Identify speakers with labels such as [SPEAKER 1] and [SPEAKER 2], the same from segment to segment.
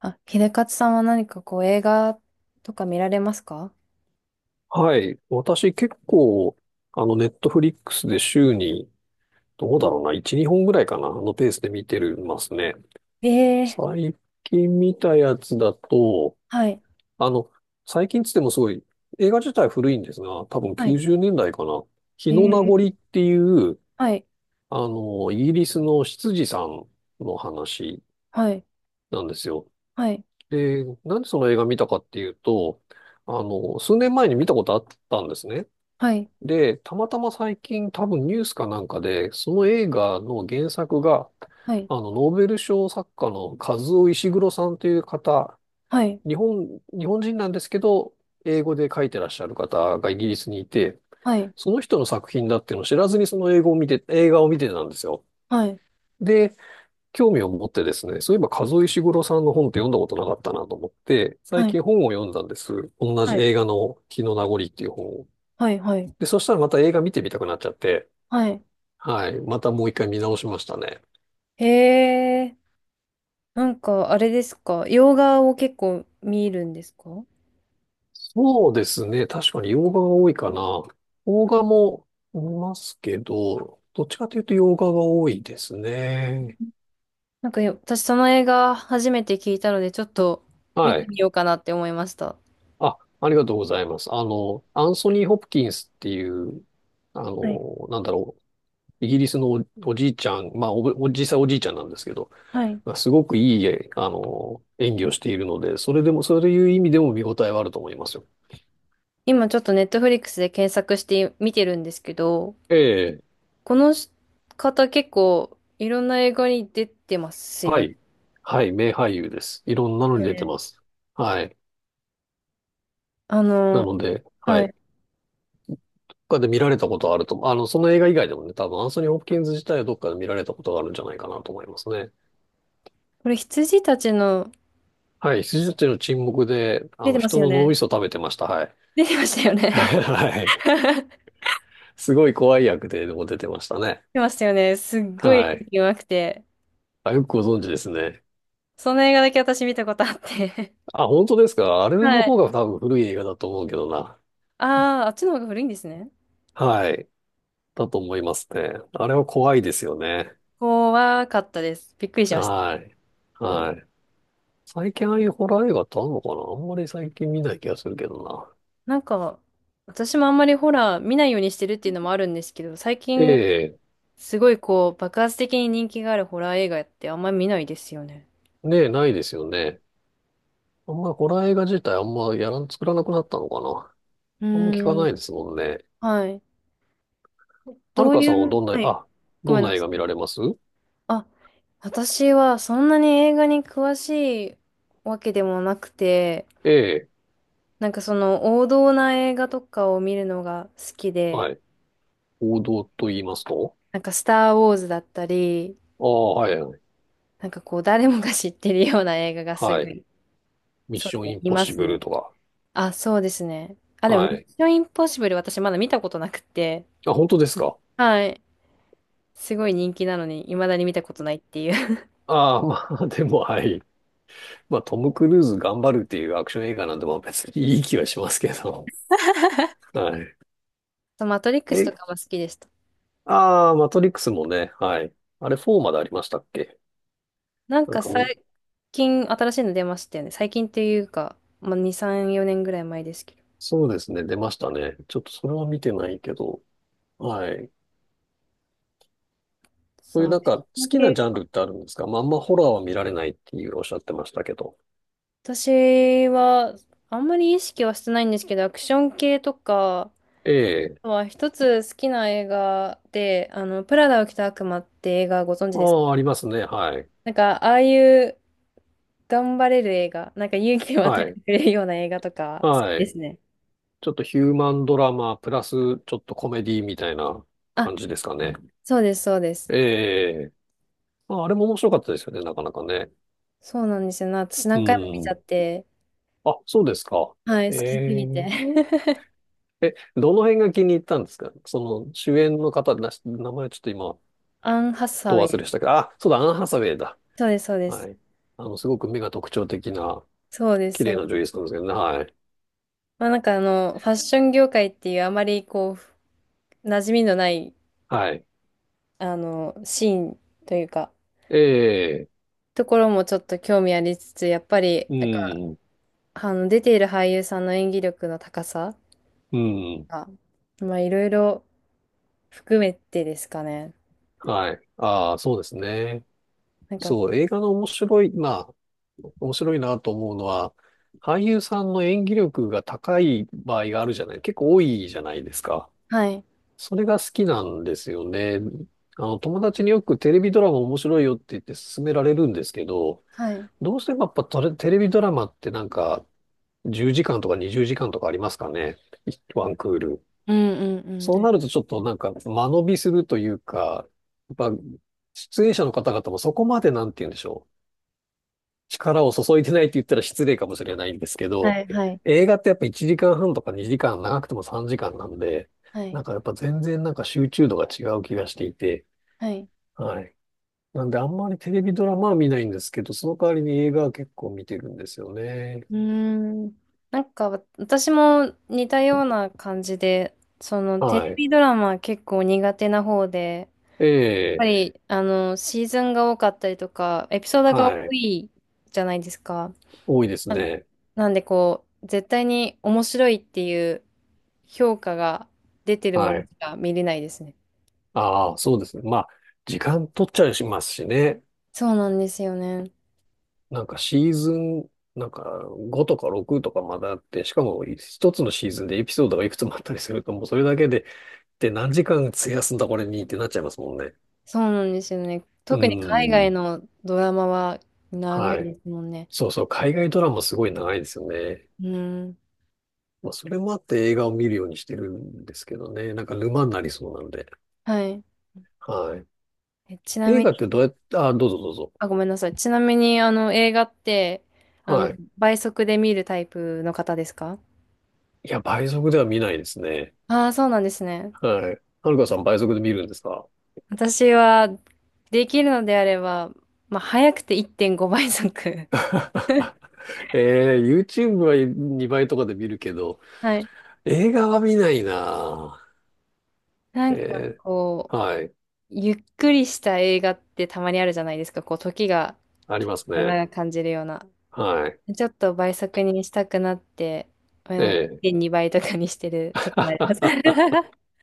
[SPEAKER 1] あ、秀勝さんは何かこう映画とか見られますか？
[SPEAKER 2] はい。私結構、ネットフリックスで週に、どうだろうな、1、2本ぐらいかな、あのペースで見てるますね。
[SPEAKER 1] ええー。
[SPEAKER 2] 最近見たやつだと、
[SPEAKER 1] はい。
[SPEAKER 2] あの、最近つってもすごい、映画自体古いんですが、多分
[SPEAKER 1] はい。
[SPEAKER 2] 90年代かな。日の名
[SPEAKER 1] え
[SPEAKER 2] 残っ
[SPEAKER 1] え。
[SPEAKER 2] ていう、
[SPEAKER 1] はい。
[SPEAKER 2] イギリスの執事さんの話
[SPEAKER 1] はい。
[SPEAKER 2] なんですよ。
[SPEAKER 1] はい。
[SPEAKER 2] で、なんでその映画見たかっていうと、数年前に見たことあったんですね。
[SPEAKER 1] はい。
[SPEAKER 2] で、たまたま最近多分ニュースかなんかで、その映画の原作が、ノーベル賞作家のカズオ・イシグロさんという方、
[SPEAKER 1] はい。
[SPEAKER 2] 日本人なんですけど、英語で書いてらっしゃる方がイギリスにいて、
[SPEAKER 1] はい。
[SPEAKER 2] その人の作品だっていうのを知らずにその英語を見て、映画を見てたんですよ。
[SPEAKER 1] はい。
[SPEAKER 2] で、興味を持ってですね、そういえばカズオ・イシグロさんの本って読んだことなかったなと思って、最
[SPEAKER 1] はい。
[SPEAKER 2] 近本を読んだんです。同
[SPEAKER 1] は
[SPEAKER 2] じ
[SPEAKER 1] い。
[SPEAKER 2] 映画の「火の名残」っていう本を。
[SPEAKER 1] はい。はい。はい。
[SPEAKER 2] で、そしたらまた映画見てみたくなっちゃって、
[SPEAKER 1] はい。
[SPEAKER 2] はい。またもう一回見直しましたね。
[SPEAKER 1] ええ。なんかあれですか？洋画を結構見るんですか？
[SPEAKER 2] そうですね。確かに洋画が多いかな。邦画も見ますけど、どっちかというと洋画が多いですね。
[SPEAKER 1] なんかよ私その映画初めて聞いたのでちょっと見
[SPEAKER 2] は
[SPEAKER 1] て
[SPEAKER 2] い。
[SPEAKER 1] みようかなって思いました。
[SPEAKER 2] あ、ありがとうございます。あの、アンソニー・ホプキンスっていう、
[SPEAKER 1] はい、
[SPEAKER 2] なんだろう。イギリスのおじいちゃん、まあ実際おじいちゃんなんですけど、
[SPEAKER 1] はい。
[SPEAKER 2] まあ、すごくいい、えあの、演技をしているので、それでも、そういう意味でも見応えはあると思いますよ。
[SPEAKER 1] 今ちょっとネットフリックスで検索して見てるんですけど、
[SPEAKER 2] ええ
[SPEAKER 1] この方結構いろんな映画に出てます
[SPEAKER 2] は
[SPEAKER 1] よね。
[SPEAKER 2] い。はい。名俳優です。いろんなの
[SPEAKER 1] だ
[SPEAKER 2] に
[SPEAKER 1] よ
[SPEAKER 2] 出て
[SPEAKER 1] ね。
[SPEAKER 2] ます。はい。
[SPEAKER 1] あ
[SPEAKER 2] な
[SPEAKER 1] の、
[SPEAKER 2] ので、は
[SPEAKER 1] は
[SPEAKER 2] い。
[SPEAKER 1] い。
[SPEAKER 2] 他で見られたことはあると思う。あの、その映画以外でもね、多分アンソニー・ホプキンズ自体はどっかで見られたことがあるんじゃないかなと思いますね。
[SPEAKER 1] これ羊たちの、
[SPEAKER 2] はい。羊たちの沈黙で、あ
[SPEAKER 1] 出て
[SPEAKER 2] の、
[SPEAKER 1] ます
[SPEAKER 2] 人
[SPEAKER 1] よ
[SPEAKER 2] の脳み
[SPEAKER 1] ね。
[SPEAKER 2] そ食べてました。はい。
[SPEAKER 1] 出てましたよ ね。
[SPEAKER 2] はい。
[SPEAKER 1] 出
[SPEAKER 2] すごい怖い役で、でも出てましたね。
[SPEAKER 1] てましたよね。すっごい
[SPEAKER 2] は
[SPEAKER 1] 演
[SPEAKER 2] い。
[SPEAKER 1] 技うまくて。
[SPEAKER 2] あ、よくご存知ですね。
[SPEAKER 1] その映画だけ私見たことあって。
[SPEAKER 2] あ、本当ですか。あれ の
[SPEAKER 1] は
[SPEAKER 2] 方が
[SPEAKER 1] い。
[SPEAKER 2] 多分古い映画だと思うけどな。
[SPEAKER 1] ああ、あっちの方が古いんですね。
[SPEAKER 2] はい。だと思いますね。あれは怖いですよね。
[SPEAKER 1] 怖かったです。びっくりしました。
[SPEAKER 2] はい。はい。最近ああいうホラー映画ってあんのかな、あんまり最近見ない気がするけどな。
[SPEAKER 1] なんか、私もあんまりホラー見ないようにしてるっていうのもあるんですけど、最
[SPEAKER 2] え
[SPEAKER 1] 近
[SPEAKER 2] え、
[SPEAKER 1] すごいこう、爆発的に人気があるホラー映画ってあんまり見ないですよね。
[SPEAKER 2] ねえ、ないですよね。あんまりホラー映画自体あんまやらん、作らなくなったのかな、
[SPEAKER 1] う
[SPEAKER 2] あんま聞か
[SPEAKER 1] ー
[SPEAKER 2] な
[SPEAKER 1] ん、
[SPEAKER 2] いですもんね。
[SPEAKER 1] はい。
[SPEAKER 2] は
[SPEAKER 1] ど
[SPEAKER 2] る
[SPEAKER 1] う
[SPEAKER 2] か
[SPEAKER 1] い
[SPEAKER 2] さんは
[SPEAKER 1] う、はい、ご
[SPEAKER 2] ど
[SPEAKER 1] め
[SPEAKER 2] ん
[SPEAKER 1] んな
[SPEAKER 2] な映
[SPEAKER 1] さ
[SPEAKER 2] 画見
[SPEAKER 1] い。
[SPEAKER 2] られます？
[SPEAKER 1] あ、私はそんなに映画に詳しいわけでもなくて、
[SPEAKER 2] ええ、
[SPEAKER 1] なんかその王道な映画とかを見るのが好きで、
[SPEAKER 2] はい。王道と言いますと？
[SPEAKER 1] なんかスター・ウォーズだったり、
[SPEAKER 2] ああ、はい、はい。
[SPEAKER 1] なんかこう誰もが知ってるような映画がすご
[SPEAKER 2] はい。
[SPEAKER 1] い、
[SPEAKER 2] ミッ
[SPEAKER 1] そう
[SPEAKER 2] シ
[SPEAKER 1] で
[SPEAKER 2] ョ
[SPEAKER 1] す
[SPEAKER 2] ン
[SPEAKER 1] ね、
[SPEAKER 2] イン
[SPEAKER 1] い
[SPEAKER 2] ポッ
[SPEAKER 1] ま
[SPEAKER 2] シ
[SPEAKER 1] す
[SPEAKER 2] ブル
[SPEAKER 1] ね。
[SPEAKER 2] とか。
[SPEAKER 1] あ、そうですね。あ、でも、ミ
[SPEAKER 2] は
[SPEAKER 1] ッ
[SPEAKER 2] い。
[SPEAKER 1] ション・インポッシブル私まだ見たことなくて、
[SPEAKER 2] あ、本当ですか？
[SPEAKER 1] はい。すごい人気なのに、未だに見たことないっていう。
[SPEAKER 2] ああ、まあ、でも、はい。まあ、トム・クルーズ頑張るっていうアクション映画なんで、まあ別にいい気はしますけど。はい。
[SPEAKER 1] そうマトリックス
[SPEAKER 2] え、
[SPEAKER 1] とかも好きでした。
[SPEAKER 2] ああ、マトリックスもね、はい。あれ4までありましたっけ？
[SPEAKER 1] なん
[SPEAKER 2] なん
[SPEAKER 1] か
[SPEAKER 2] かみ、
[SPEAKER 1] 最近新しいの出ましたよね。最近っていうか、まあ、2、3、4年ぐらい前ですけど。
[SPEAKER 2] そうですね、出ましたね。ちょっとそれは見てないけど、はい。そう
[SPEAKER 1] そ
[SPEAKER 2] いう
[SPEAKER 1] う、ア
[SPEAKER 2] な
[SPEAKER 1] ク
[SPEAKER 2] ん
[SPEAKER 1] シ
[SPEAKER 2] か好
[SPEAKER 1] ョン
[SPEAKER 2] きなジ
[SPEAKER 1] 系。
[SPEAKER 2] ャンルってあるんですか？まあ、あんまホラーは見られないっていうおっしゃってましたけど。
[SPEAKER 1] 私は、あんまり意識はしてないんですけど、アクション系とか
[SPEAKER 2] ええ。
[SPEAKER 1] は、一つ好きな映画で、プラダを着た悪魔って映画ご存知
[SPEAKER 2] あ
[SPEAKER 1] ですか？
[SPEAKER 2] あ、ありますね、はい。
[SPEAKER 1] なんか、ああいう頑張れる映画、なんか勇気を与
[SPEAKER 2] は
[SPEAKER 1] えて
[SPEAKER 2] い。
[SPEAKER 1] くれるような映画とか、好き
[SPEAKER 2] は
[SPEAKER 1] で
[SPEAKER 2] い。
[SPEAKER 1] すね。
[SPEAKER 2] ちょっとヒューマンドラマ、プラスちょっとコメディみたいな
[SPEAKER 1] あ、
[SPEAKER 2] 感じですかね。
[SPEAKER 1] そうです、そうです。
[SPEAKER 2] ええ。まあ、あれも面白かったですよね、なかなかね。
[SPEAKER 1] そうなんですよな。私
[SPEAKER 2] う
[SPEAKER 1] 何回も見ちゃっ
[SPEAKER 2] ん。
[SPEAKER 1] て、
[SPEAKER 2] あ、そうですか。
[SPEAKER 1] はい、
[SPEAKER 2] え
[SPEAKER 1] 好きすぎて。
[SPEAKER 2] え。え、どの辺が気に入ったんですか？その主演の方、名前ちょっと今、
[SPEAKER 1] アン・ハサ
[SPEAKER 2] ど
[SPEAKER 1] ウ
[SPEAKER 2] 忘
[SPEAKER 1] ェ
[SPEAKER 2] れ
[SPEAKER 1] イ。
[SPEAKER 2] したけど、あ、そうだ、アン・ハサウェイだ。
[SPEAKER 1] そうです、そうで
[SPEAKER 2] は
[SPEAKER 1] す。
[SPEAKER 2] い。あの、すごく目が特徴的な、
[SPEAKER 1] そうです、
[SPEAKER 2] 綺
[SPEAKER 1] そう
[SPEAKER 2] 麗な女
[SPEAKER 1] です。
[SPEAKER 2] 優さんですけどね。はい。
[SPEAKER 1] まあなんかファッション業界っていうあまりこう、馴染みのない、
[SPEAKER 2] はい。
[SPEAKER 1] シーンというか、
[SPEAKER 2] ええ、
[SPEAKER 1] ところもちょっと興味ありつつ、やっぱり、
[SPEAKER 2] う
[SPEAKER 1] なんか、
[SPEAKER 2] ん、
[SPEAKER 1] 出ている俳優さんの演技力の高さ
[SPEAKER 2] うん。
[SPEAKER 1] が、まあいろいろ含めてですかね。
[SPEAKER 2] はい。ああ、そうですね。
[SPEAKER 1] なんか、
[SPEAKER 2] そう、映画の面白い、まあ、面白いなと思うのは、俳優さんの演技力が高い場合があるじゃない、結構多いじゃないですか。
[SPEAKER 1] はい、
[SPEAKER 2] それが好きなんですよね。あの、友達によくテレビドラマ面白いよって言って勧められるんですけど、
[SPEAKER 1] はい。
[SPEAKER 2] どうしてもやっぱテレビドラマってなんか10時間とか20時間とかありますかね。ワンクール。
[SPEAKER 1] うんうんう
[SPEAKER 2] そう
[SPEAKER 1] ん。
[SPEAKER 2] なるとちょっとなんか間延びするというか、やっぱ出演者の方々もそこまでなんて言うんでしょう。力を注いでないって言ったら失礼かもしれないんですけ
[SPEAKER 1] は
[SPEAKER 2] ど、
[SPEAKER 1] い、はい、
[SPEAKER 2] 映画ってやっぱ1時間半とか2時間、長くても3時間なんで、
[SPEAKER 1] は
[SPEAKER 2] な
[SPEAKER 1] い、
[SPEAKER 2] んかやっぱ全然なんか集中度が違う気がしていて、
[SPEAKER 1] はい。
[SPEAKER 2] はい。なんであんまりテレビドラマは見ないんですけど、その代わりに映画は結構見てるんですよね。
[SPEAKER 1] うーん。なんか私も似たような感じで、そのテ
[SPEAKER 2] は
[SPEAKER 1] レ
[SPEAKER 2] い。
[SPEAKER 1] ビドラマ結構苦手な方で、
[SPEAKER 2] え
[SPEAKER 1] やっぱ
[SPEAKER 2] え、
[SPEAKER 1] りあのシーズンが多かったりとか、エピソードが
[SPEAKER 2] は
[SPEAKER 1] 多
[SPEAKER 2] い。
[SPEAKER 1] いじゃないですか。
[SPEAKER 2] 多いです
[SPEAKER 1] なん
[SPEAKER 2] ね。
[SPEAKER 1] なんでこう、絶対に面白いっていう評価が出てるも
[SPEAKER 2] は
[SPEAKER 1] のし
[SPEAKER 2] い。
[SPEAKER 1] か見れないですね。
[SPEAKER 2] ああ、そうですね。まあ、時間取っちゃいますしね。
[SPEAKER 1] そうなんですよね。
[SPEAKER 2] なんかシーズン、なんか5とか6とかまだあって、しかも一つのシーズンでエピソードがいくつもあったりすると、もうそれだけで、で、何時間費やすんだこれにってなっちゃいますもんね。
[SPEAKER 1] そうなんですよね。
[SPEAKER 2] う
[SPEAKER 1] 特に海
[SPEAKER 2] ん。
[SPEAKER 1] 外
[SPEAKER 2] ん。
[SPEAKER 1] のドラマは長い
[SPEAKER 2] はい。
[SPEAKER 1] ですもんね。
[SPEAKER 2] そうそう、海外ドラマすごい長いですよね。
[SPEAKER 1] うん。
[SPEAKER 2] まあ、それもあって映画を見るようにしてるんですけどね。なんか沼になりそうなので。
[SPEAKER 1] はい。
[SPEAKER 2] は
[SPEAKER 1] ち
[SPEAKER 2] い。
[SPEAKER 1] な
[SPEAKER 2] 映
[SPEAKER 1] み
[SPEAKER 2] 画ってどうやって、あ、どうぞどうぞ。
[SPEAKER 1] あ、ごめんなさい。ちなみに、映画って、あの、
[SPEAKER 2] はい。
[SPEAKER 1] 倍速で見るタイプの方ですか？
[SPEAKER 2] いや、倍速では見ないですね。
[SPEAKER 1] ああー、そうなんですね。
[SPEAKER 2] はい。はるかさん倍速で見るんですか？
[SPEAKER 1] 私は、できるのであれば、まあ、早くて1.5倍速。
[SPEAKER 2] えー、YouTube は2倍とかで見るけど、
[SPEAKER 1] はい。
[SPEAKER 2] 映画は見ないな
[SPEAKER 1] な
[SPEAKER 2] ぁ。
[SPEAKER 1] んか、
[SPEAKER 2] え
[SPEAKER 1] こ
[SPEAKER 2] ー、
[SPEAKER 1] う、
[SPEAKER 2] はい。
[SPEAKER 1] ゆっくりした映画ってたまにあるじゃないですか。こう、時が
[SPEAKER 2] ありますね。
[SPEAKER 1] 長く感じるような。
[SPEAKER 2] はい。
[SPEAKER 1] ちょっと倍速にしたくなって、う
[SPEAKER 2] え
[SPEAKER 1] ん、
[SPEAKER 2] え
[SPEAKER 1] 1.2倍とかにしてる時もあります。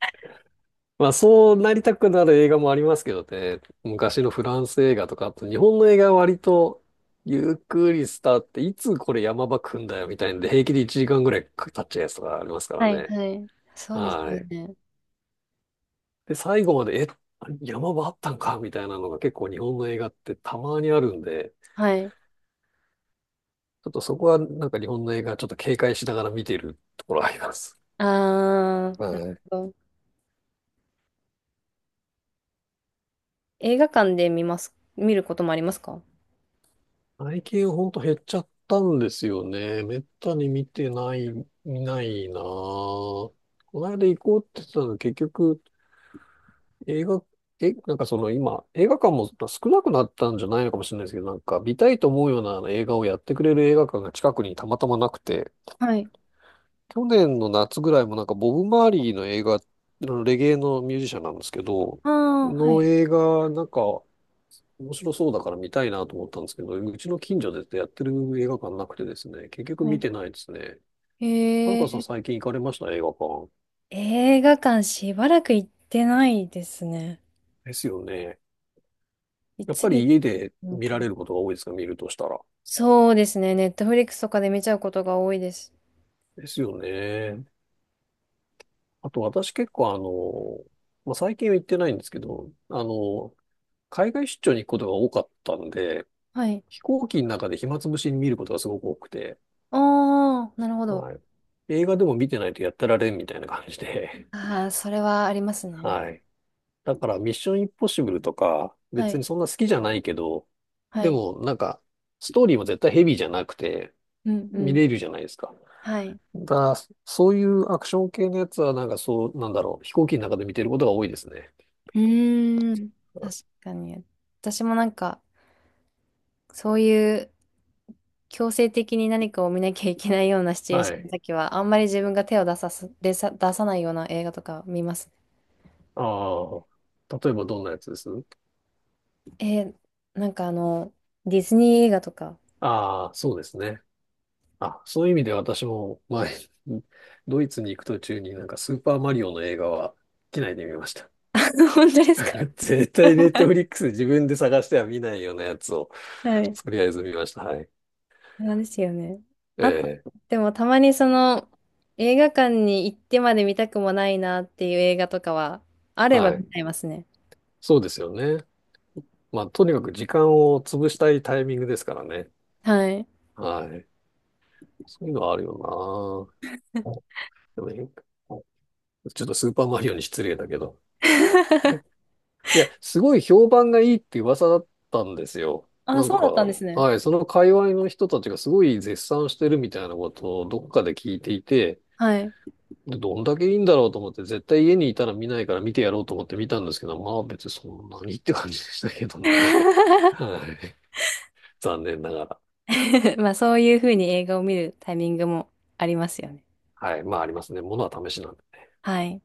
[SPEAKER 2] まあ、そうなりたくなる映画もありますけどね。昔のフランス映画とか、あと日本の映画は割と、ゆっくりスタートっていつこれ山場来んだよみたいんで、平気で1時間ぐらい経っちゃうやつとかありますから
[SPEAKER 1] はい、
[SPEAKER 2] ね。
[SPEAKER 1] はい。そうです
[SPEAKER 2] は
[SPEAKER 1] よ
[SPEAKER 2] い。
[SPEAKER 1] ね。
[SPEAKER 2] で、最後まで山場あったんかみたいなのが結構日本の映画ってたまにあるんで、
[SPEAKER 1] はい。
[SPEAKER 2] ちょっとそこはなんか日本の映画ちょっと警戒しながら見ているところあります。
[SPEAKER 1] ああ、なる
[SPEAKER 2] はい。
[SPEAKER 1] ほど。映画館で見ます、見ることもありますか？
[SPEAKER 2] 最近ほんと減っちゃったんですよね。めったに見てない、見ないなぁ。この間行こうって言ってたの、結局映画、え、なんかその今、映画館も少なくなったんじゃないのかもしれないですけど、なんか見たいと思うようなあの映画をやってくれる映画館が近くにたまたまなくて、
[SPEAKER 1] はい。
[SPEAKER 2] 去年の夏ぐらいもなんかボブ・マーリーの映画、あのレゲエのミュージシャンなんですけど、
[SPEAKER 1] ああは
[SPEAKER 2] の
[SPEAKER 1] い。
[SPEAKER 2] 映画、なんか面白そうだから見たいなと思ったんですけど、うちの近所でやってる映画館なくてですね、結局
[SPEAKER 1] は
[SPEAKER 2] 見
[SPEAKER 1] い。
[SPEAKER 2] てないですね。はる
[SPEAKER 1] へ
[SPEAKER 2] かさん
[SPEAKER 1] え、
[SPEAKER 2] 最近行かれました？映画館。
[SPEAKER 1] 映画館しばらく行ってないですね。
[SPEAKER 2] ですよね。
[SPEAKER 1] い
[SPEAKER 2] やっ
[SPEAKER 1] つ
[SPEAKER 2] ぱり
[SPEAKER 1] 行っ
[SPEAKER 2] 家で
[SPEAKER 1] たの
[SPEAKER 2] 見
[SPEAKER 1] か
[SPEAKER 2] ら
[SPEAKER 1] な。
[SPEAKER 2] れることが多いですか？見るとしたら。
[SPEAKER 1] そうですね。ネットフリックスとかで見ちゃうことが多いです。
[SPEAKER 2] ですよね。あと私結構あの、まあ、最近は行ってないんですけど、あの、海外出張に行くことが多かったんで、
[SPEAKER 1] はい。
[SPEAKER 2] 飛行機の中で暇つぶしに見ることがすごく多くて、
[SPEAKER 1] ああ、なるほど。
[SPEAKER 2] はい。映画でも見てないとやってられんみたいな感じで、
[SPEAKER 1] ああ、それはありま すね。
[SPEAKER 2] はい。だからミッションインポッシブルとか、
[SPEAKER 1] は
[SPEAKER 2] 別に
[SPEAKER 1] い。
[SPEAKER 2] そんな好きじゃないけど、
[SPEAKER 1] は
[SPEAKER 2] で
[SPEAKER 1] い。
[SPEAKER 2] もなんか、ストーリーも絶対ヘビーじゃなくて、
[SPEAKER 1] うんう
[SPEAKER 2] 見
[SPEAKER 1] ん。
[SPEAKER 2] れるじゃないですか。
[SPEAKER 1] はい。
[SPEAKER 2] だ、そういうアクション系のやつはなんかそう、なんだろう、飛行機の中で見てることが多いですね。
[SPEAKER 1] うーん。確かに。私もなんか、そういう強制的に何かを見なきゃいけないようなシチュエー
[SPEAKER 2] は
[SPEAKER 1] ションの
[SPEAKER 2] い。
[SPEAKER 1] 時は、あんまり自分が手を出さす、出さ、出さないような映画とか見ますね。
[SPEAKER 2] ああ、例えばどんなやつです？
[SPEAKER 1] えーなんかディズニー映画とか。
[SPEAKER 2] ああ、そうですね。あ、そういう意味で私も前、ドイツに行く途中になんかスーパーマリオの映画は機内で見ました。
[SPEAKER 1] 本当ですか？
[SPEAKER 2] 絶対ネットフリックス自分で探しては見ないようなやつを
[SPEAKER 1] はい。
[SPEAKER 2] とりあえず見ました。はい。
[SPEAKER 1] なんですよね。
[SPEAKER 2] え
[SPEAKER 1] あと、
[SPEAKER 2] え、
[SPEAKER 1] でもたまにその、映画館に行ってまで見たくもないなっていう映画とかは、あれば
[SPEAKER 2] は
[SPEAKER 1] 見
[SPEAKER 2] い。
[SPEAKER 1] ちゃいますね。
[SPEAKER 2] そうですよね。まあ、とにかく時間を潰したいタイミングですからね。
[SPEAKER 1] はい。
[SPEAKER 2] はい。そういうのはあるよな。でもねちょっとスーパーマリオに失礼だけど。いや、すごい評判がいいって噂だったんですよ。
[SPEAKER 1] あ、
[SPEAKER 2] なん
[SPEAKER 1] そう
[SPEAKER 2] か、
[SPEAKER 1] だったんですね。
[SPEAKER 2] はい、その界隈の人たちがすごい絶賛してるみたいなことをどっかで聞いていて、
[SPEAKER 1] はい。
[SPEAKER 2] でどんだけいいんだろうと思って、絶対家にいたら見ないから見てやろうと思って見たんですけど、まあ別にそんなにって感じでしたけどね。は い。残念ながら。
[SPEAKER 1] まあそういうふうに映画を見るタイミングもありますよね。
[SPEAKER 2] はい。まあ、ありますね。ものは試しなんで。
[SPEAKER 1] はい。